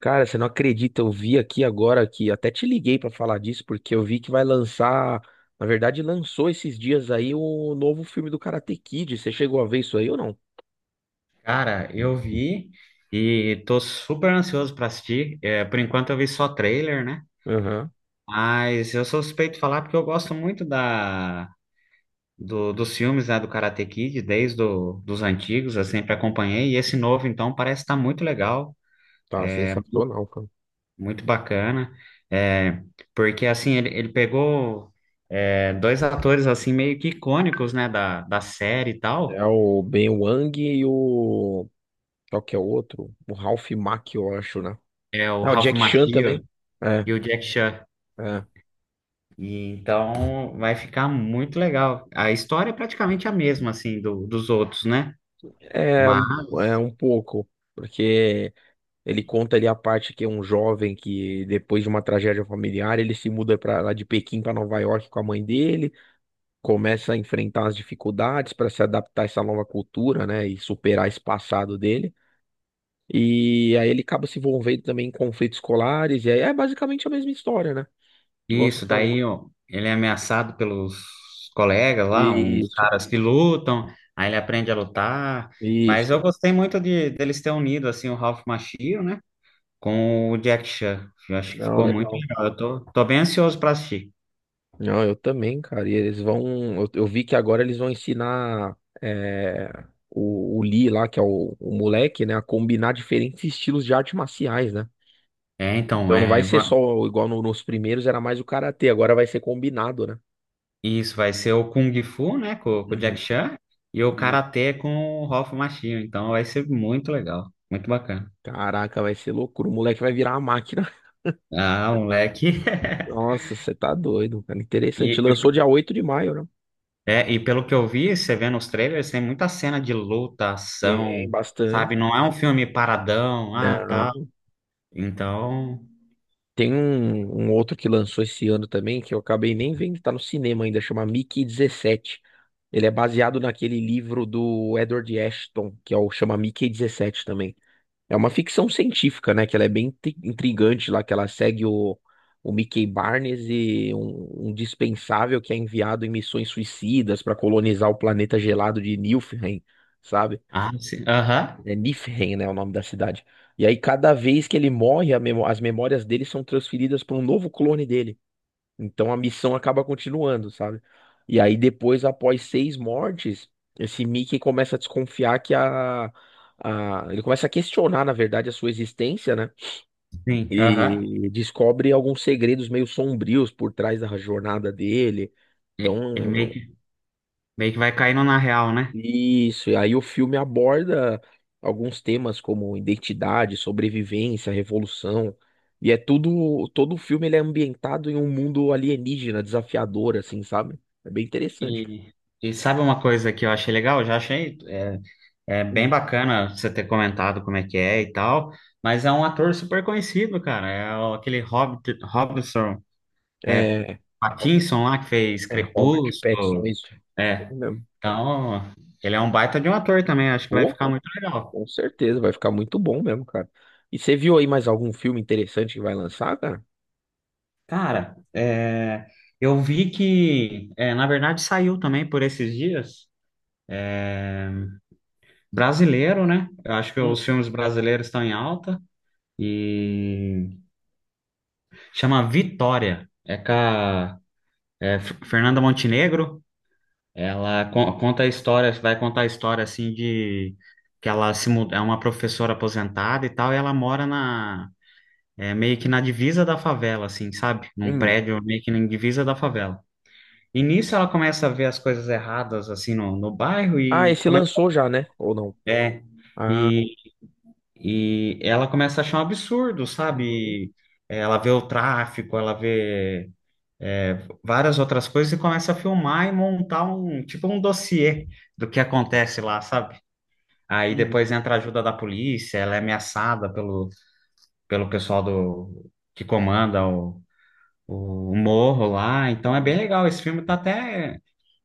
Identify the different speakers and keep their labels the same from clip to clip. Speaker 1: Cara, você não acredita, eu vi aqui agora que até te liguei pra falar disso, porque eu vi que vai lançar, na verdade, lançou esses dias aí o novo filme do Karate Kid. Você chegou a ver isso aí ou não?
Speaker 2: Cara, eu vi e tô super ansioso pra assistir. É, por enquanto eu vi só trailer, né?
Speaker 1: Aham.
Speaker 2: Mas eu sou suspeito de falar porque eu gosto muito dos filmes, né, do Karate Kid, desde dos antigos, eu sempre acompanhei. E esse novo, então, parece estar muito legal,
Speaker 1: Tá sensacional, cara.
Speaker 2: muito bacana. É, Porque, assim, ele pegou dois atores, assim, meio que icônicos, né, da série e tal.
Speaker 1: É o Ben Wang e o. Qual que é o outro? O Ralph Macchio, eu acho, né?
Speaker 2: É o
Speaker 1: Ah, o
Speaker 2: Ralph
Speaker 1: Jack Chan
Speaker 2: Macchio
Speaker 1: também. É,
Speaker 2: e o Jack Chan.
Speaker 1: é.
Speaker 2: E então vai ficar muito legal. A história é praticamente a mesma, assim, dos outros, né?
Speaker 1: É, é
Speaker 2: Mas
Speaker 1: um pouco, porque. Ele conta ali a parte que é um jovem que, depois de uma tragédia familiar, ele se muda para lá de Pequim para Nova York com a mãe dele, começa a enfrentar as dificuldades para se adaptar a essa nova cultura, né, e superar esse passado dele. E aí ele acaba se envolvendo também em conflitos escolares, e aí é basicamente a mesma história, né? Igual você
Speaker 2: isso,
Speaker 1: falou.
Speaker 2: daí ó, ele é ameaçado pelos colegas lá, uns
Speaker 1: Isso,
Speaker 2: caras que lutam, aí ele aprende a lutar. Mas
Speaker 1: isso.
Speaker 2: eu gostei muito de deles ter unido, assim, o Ralph Macchio, né? Com o Jack Chan. Eu acho que
Speaker 1: Não,
Speaker 2: ficou muito
Speaker 1: legal.
Speaker 2: legal. Eu tô bem ansioso para assistir.
Speaker 1: Não, eu também, cara. E eles vão. Eu vi que agora eles vão ensinar o Lee lá, que é o moleque, né, a combinar diferentes estilos de artes marciais, né?
Speaker 2: É, então,
Speaker 1: Então não vai
Speaker 2: é,
Speaker 1: ser
Speaker 2: va-
Speaker 1: só igual no- nos primeiros, era mais o karatê, agora vai ser combinado, né?
Speaker 2: Isso vai ser o Kung Fu, né, com o Jack
Speaker 1: Uhum.
Speaker 2: Chan, e o
Speaker 1: E,
Speaker 2: Karatê com o Ralph Machinho. Então vai ser muito legal, muito bacana.
Speaker 1: caraca, vai ser loucura. O moleque vai virar uma máquina.
Speaker 2: Ah, moleque.
Speaker 1: Nossa, você tá doido, cara.
Speaker 2: E,
Speaker 1: Interessante.
Speaker 2: e-
Speaker 1: Lançou dia 8 de maio, né?
Speaker 2: e pelo que eu vi, você vê nos trailers, tem muita cena de luta,
Speaker 1: Tem
Speaker 2: ação,
Speaker 1: bastante.
Speaker 2: sabe? Não é um filme paradão, ah, tá.
Speaker 1: Não.
Speaker 2: Então,
Speaker 1: Tem um outro que lançou esse ano também, que eu acabei nem vendo, tá no cinema ainda, chama Mickey 17. Ele é baseado naquele livro do Edward Ashton, que é o chama Mickey 17 também. É uma ficção científica, né? Que ela é bem intrigante lá, que ela segue o Mickey Barnes e um dispensável que é enviado em missões suicidas para colonizar o planeta gelado de Niflheim, sabe?
Speaker 2: ah, sim, aham,
Speaker 1: É Niflheim, né, é o nome da cidade. E aí, cada vez que ele morre, as memórias dele são transferidas para um novo clone dele. Então, a missão acaba continuando, sabe? E aí, depois, após seis mortes, esse Mickey começa a desconfiar que ele começa a questionar, na verdade, a sua existência, né?
Speaker 2: sim, aham.
Speaker 1: E descobre alguns segredos meio sombrios por trás da jornada dele.
Speaker 2: Ele meio
Speaker 1: Então,
Speaker 2: que, meio que vai caindo na real, né?
Speaker 1: Isso, e aí o filme aborda alguns temas como identidade, sobrevivência, revolução, e é todo o filme ele é ambientado em um mundo alienígena, desafiador, assim, sabe? É bem interessante.
Speaker 2: E, e sabe uma coisa que eu achei legal? Eu já achei. É bem
Speaker 1: Hum.
Speaker 2: bacana você ter comentado como é que é e tal, mas é um ator super conhecido, cara. Aquele Hobbit, Robinson, é,
Speaker 1: É, Robert,
Speaker 2: Pattinson lá que fez
Speaker 1: é Robert Pattinson, é
Speaker 2: Crepúsculo.
Speaker 1: isso
Speaker 2: É,
Speaker 1: mesmo.
Speaker 2: então ele é um baita de um ator também. Acho que vai ficar
Speaker 1: Porra,
Speaker 2: muito legal.
Speaker 1: com certeza, vai ficar muito bom mesmo, cara. E você viu aí mais algum filme interessante que vai lançar, cara?
Speaker 2: Cara, eu vi que, na verdade, saiu também por esses dias. Brasileiro, né? Eu acho que os
Speaker 1: Hum.
Speaker 2: filmes brasileiros estão em alta e chama Vitória. É com a Fernanda Montenegro, ela conta a história, vai contar a história assim de que ela se muda, é uma professora aposentada e tal, e ela mora meio que na divisa da favela, assim, sabe? Num
Speaker 1: Hum.
Speaker 2: prédio meio que na divisa da favela. E nisso ela começa a ver as coisas erradas assim no bairro
Speaker 1: Ah,
Speaker 2: e
Speaker 1: esse
Speaker 2: começa
Speaker 1: lançou já, né? Ou não?
Speaker 2: é,
Speaker 1: Ah,
Speaker 2: e, e ela começa a achar um absurdo, sabe?
Speaker 1: uhum,
Speaker 2: E, Ela vê o tráfico, ela vê é, várias outras coisas e começa a filmar e montar um tipo um dossiê do que acontece lá, sabe? Aí
Speaker 1: uhum,
Speaker 2: depois entra a ajuda da polícia, ela é ameaçada pelo pessoal do que comanda o morro lá, então é bem
Speaker 1: uhum.
Speaker 2: legal. Esse filme tá até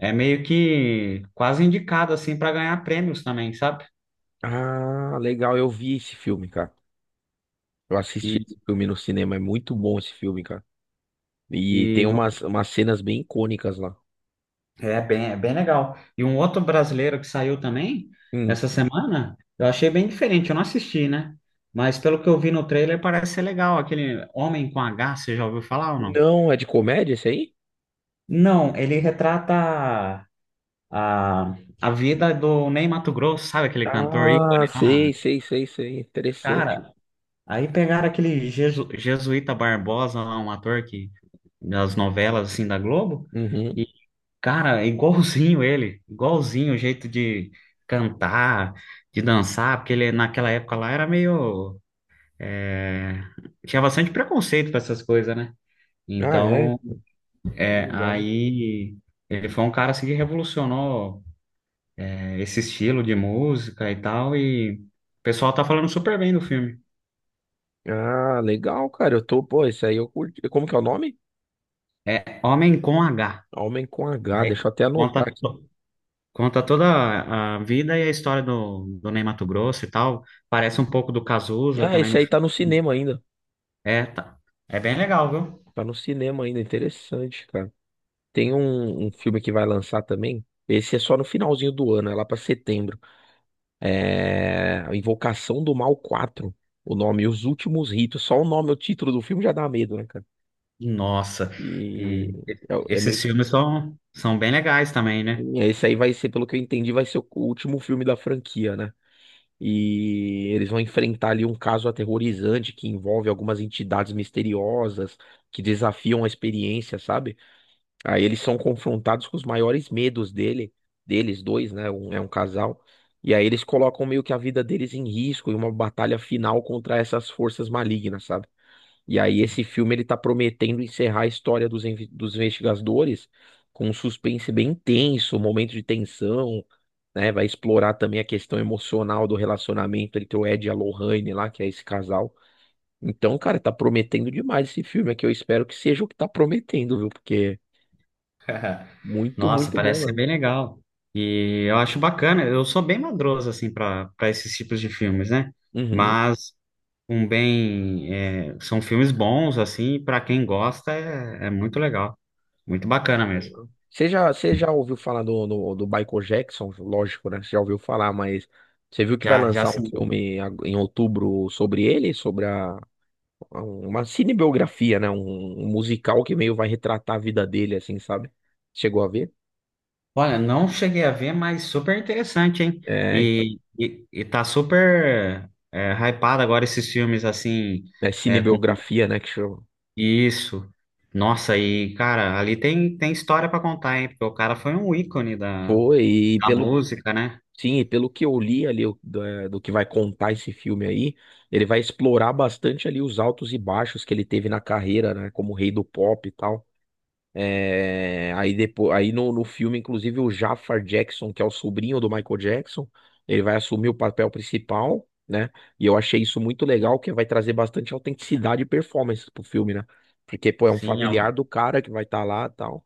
Speaker 2: meio que quase indicado assim para ganhar prêmios também, sabe?
Speaker 1: Ah, legal, eu vi esse filme, cara. Eu assisti
Speaker 2: E,
Speaker 1: esse filme no cinema, é muito bom esse filme, cara. E
Speaker 2: e
Speaker 1: tem umas cenas bem icônicas lá.
Speaker 2: é bem legal. E um outro brasileiro que saiu também
Speaker 1: Hum.
Speaker 2: essa semana, eu achei bem diferente, eu não assisti, né? Mas pelo que eu vi no trailer, parece ser legal. Aquele Homem com H, você já ouviu falar ou não?
Speaker 1: Não, é de comédia esse aí?
Speaker 2: Não, ele retrata a, a vida do Ney Matogrosso, sabe aquele cantor
Speaker 1: Ah,
Speaker 2: ícone
Speaker 1: sei,
Speaker 2: lá?
Speaker 1: sei, sei, sei. Interessante.
Speaker 2: Cara, aí pegaram aquele Jesuíta Barbosa lá, um ator que, das novelas assim da Globo,
Speaker 1: Uhum.
Speaker 2: e cara, é igualzinho ele, igualzinho o jeito de cantar, de dançar, porque ele naquela época lá era meio. é, tinha bastante preconceito para essas coisas, né?
Speaker 1: Ah, é?
Speaker 2: Então,
Speaker 1: Legal.
Speaker 2: aí ele foi um cara assim que revolucionou esse estilo de música e tal, e o pessoal tá falando super bem do filme.
Speaker 1: Ah, legal, cara. Pô, esse aí eu curti. Como que é o nome?
Speaker 2: É Homem com H.
Speaker 1: Homem com H, deixa
Speaker 2: Aí
Speaker 1: eu até
Speaker 2: conta,
Speaker 1: anotar aqui.
Speaker 2: to- conta toda a vida e a história do Ney Matogrosso e tal. Parece um pouco do Cazuza
Speaker 1: Ah,
Speaker 2: também
Speaker 1: esse
Speaker 2: no.
Speaker 1: aí tá no cinema ainda.
Speaker 2: É, tá. É bem legal, viu?
Speaker 1: Tá no cinema ainda, interessante, cara. Tem um filme que vai lançar também. Esse é só no finalzinho do ano, é lá pra setembro. É a Invocação do Mal 4. O nome, Os Últimos Ritos. Só o nome, o título do filme já dá medo, né, cara?
Speaker 2: Nossa,
Speaker 1: E é, é
Speaker 2: esses
Speaker 1: meio.
Speaker 2: filmes são bem legais também, né?
Speaker 1: Esse aí vai ser, pelo que eu entendi, vai ser o último filme da franquia, né? E eles vão enfrentar ali um caso aterrorizante que envolve algumas entidades misteriosas que desafiam a experiência, sabe? Aí eles são confrontados com os maiores medos deles dois, né? É um casal. E aí eles colocam meio que a vida deles em risco em uma batalha final contra essas forças malignas, sabe? E aí esse filme ele tá prometendo encerrar a história dos investigadores com um suspense bem intenso, um momento de tensão, né? Vai explorar também a questão emocional do relacionamento entre o Ed e a Lorraine lá, que é esse casal. Então, cara, tá prometendo demais esse filme, é que eu espero que seja o que tá prometendo, viu? Porque muito,
Speaker 2: Nossa,
Speaker 1: muito bom
Speaker 2: parece ser
Speaker 1: mesmo.
Speaker 2: bem legal. E eu acho bacana, eu sou bem madroso, assim, para esses tipos de filmes, né?
Speaker 1: Uhum.
Speaker 2: Mas um bem. São filmes bons, assim, para quem gosta é muito legal. Muito bacana mesmo.
Speaker 1: Você já ouviu falar do Michael Jackson? Lógico, né? Você já ouviu falar, mas você viu que vai
Speaker 2: Já, já
Speaker 1: lançar um
Speaker 2: assi-
Speaker 1: filme em outubro sobre ele? Uma cinebiografia, né? Um musical que meio vai retratar a vida dele, assim, sabe? Chegou a ver?
Speaker 2: Olha, não cheguei a ver, mas super interessante, hein?
Speaker 1: É, então.
Speaker 2: E tá super hypado agora esses filmes assim,
Speaker 1: É
Speaker 2: com
Speaker 1: cinebiografia, né? Que chama.
Speaker 2: isso. Nossa, e cara, ali tem história pra contar, hein? Porque o cara foi um ícone da,
Speaker 1: Foi, e
Speaker 2: da
Speaker 1: pelo
Speaker 2: música, né?
Speaker 1: Sim, e pelo que eu li ali o- da- do, que vai contar esse filme aí, ele vai explorar bastante ali os altos e baixos que ele teve na carreira, né? Como rei do pop e tal. É, aí depois, aí no, no filme, inclusive, o Jafar Jackson, que é o sobrinho do Michael Jackson, ele vai assumir o papel principal, né? E eu achei isso muito legal, que vai trazer bastante autenticidade e performance pro filme, né? Porque, pô, é um
Speaker 2: Sim,
Speaker 1: familiar
Speaker 2: al-
Speaker 1: do cara que vai estar lá e tal.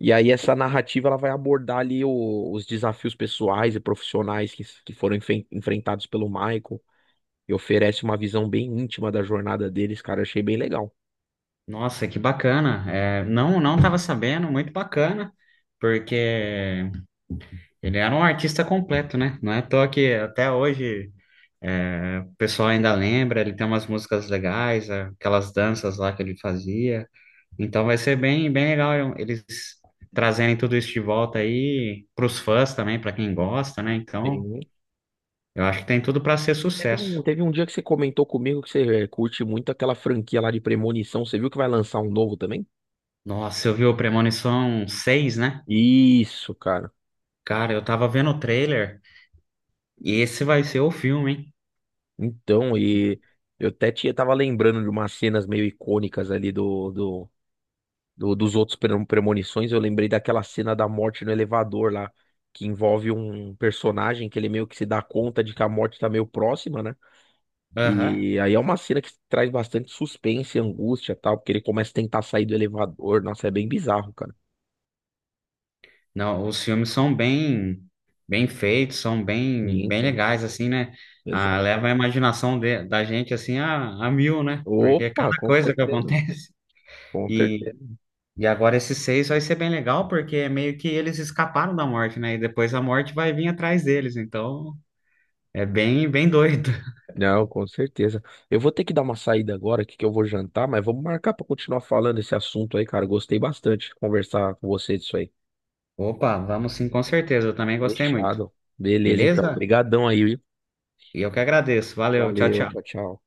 Speaker 1: E aí essa narrativa ela vai abordar os desafios pessoais e profissionais que foram enfrentados pelo Michael e oferece uma visão bem íntima da jornada deles, cara. Achei bem legal.
Speaker 2: Nossa, que bacana. É, não, não tava sabendo, muito bacana, porque ele era um artista completo, né? Não é à toa que até hoje. É, o pessoal ainda lembra, ele tem umas músicas legais, aquelas danças lá que ele fazia. Então vai ser bem, bem legal eles trazerem tudo isso de volta aí para os fãs também, para quem gosta, né? Então,
Speaker 1: Sim.
Speaker 2: eu acho que tem tudo para ser sucesso.
Speaker 1: Teve um dia que você comentou comigo que você curte muito aquela franquia lá de Premonição. Você viu que vai lançar um novo também?
Speaker 2: Nossa, eu vi o Premonição 6, né?
Speaker 1: Isso, cara.
Speaker 2: Cara, eu tava vendo o trailer e esse vai ser o filme, hein?
Speaker 1: Então, e eu até tava lembrando de umas cenas meio icônicas ali dos outros Premonições. Eu lembrei daquela cena da morte no elevador lá, que envolve um personagem que ele meio que se dá conta de que a morte tá meio próxima, né?
Speaker 2: Aham.
Speaker 1: E aí é uma cena que traz bastante suspense, angústia e tal, porque ele começa a tentar sair do elevador. Nossa, é bem bizarro, cara.
Speaker 2: Não, os filmes são bem, bem feitos, são bem, bem
Speaker 1: Sim,
Speaker 2: legais, assim, né? Ah,
Speaker 1: sim.
Speaker 2: leva a imaginação da gente, assim, a mil, né? Porque é
Speaker 1: Opa,
Speaker 2: cada
Speaker 1: com
Speaker 2: coisa que
Speaker 1: certeza,
Speaker 2: acontece.
Speaker 1: com
Speaker 2: E,
Speaker 1: certeza.
Speaker 2: e agora esses 6 vai ser bem legal, porque é meio que eles escaparam da morte, né? E depois a morte vai vir atrás deles, então é bem, bem doido.
Speaker 1: Não, com certeza. Eu vou ter que dar uma saída agora, que eu vou jantar, mas vamos marcar para continuar falando esse assunto aí, cara. Gostei bastante de conversar com você disso aí.
Speaker 2: Opa, vamos sim, com certeza, eu também gostei muito.
Speaker 1: Fechado. Beleza, então.
Speaker 2: Beleza?
Speaker 1: Obrigadão aí, viu?
Speaker 2: E eu que agradeço. Valeu, tchau,
Speaker 1: Valeu,
Speaker 2: tchau.
Speaker 1: tchau, tchau.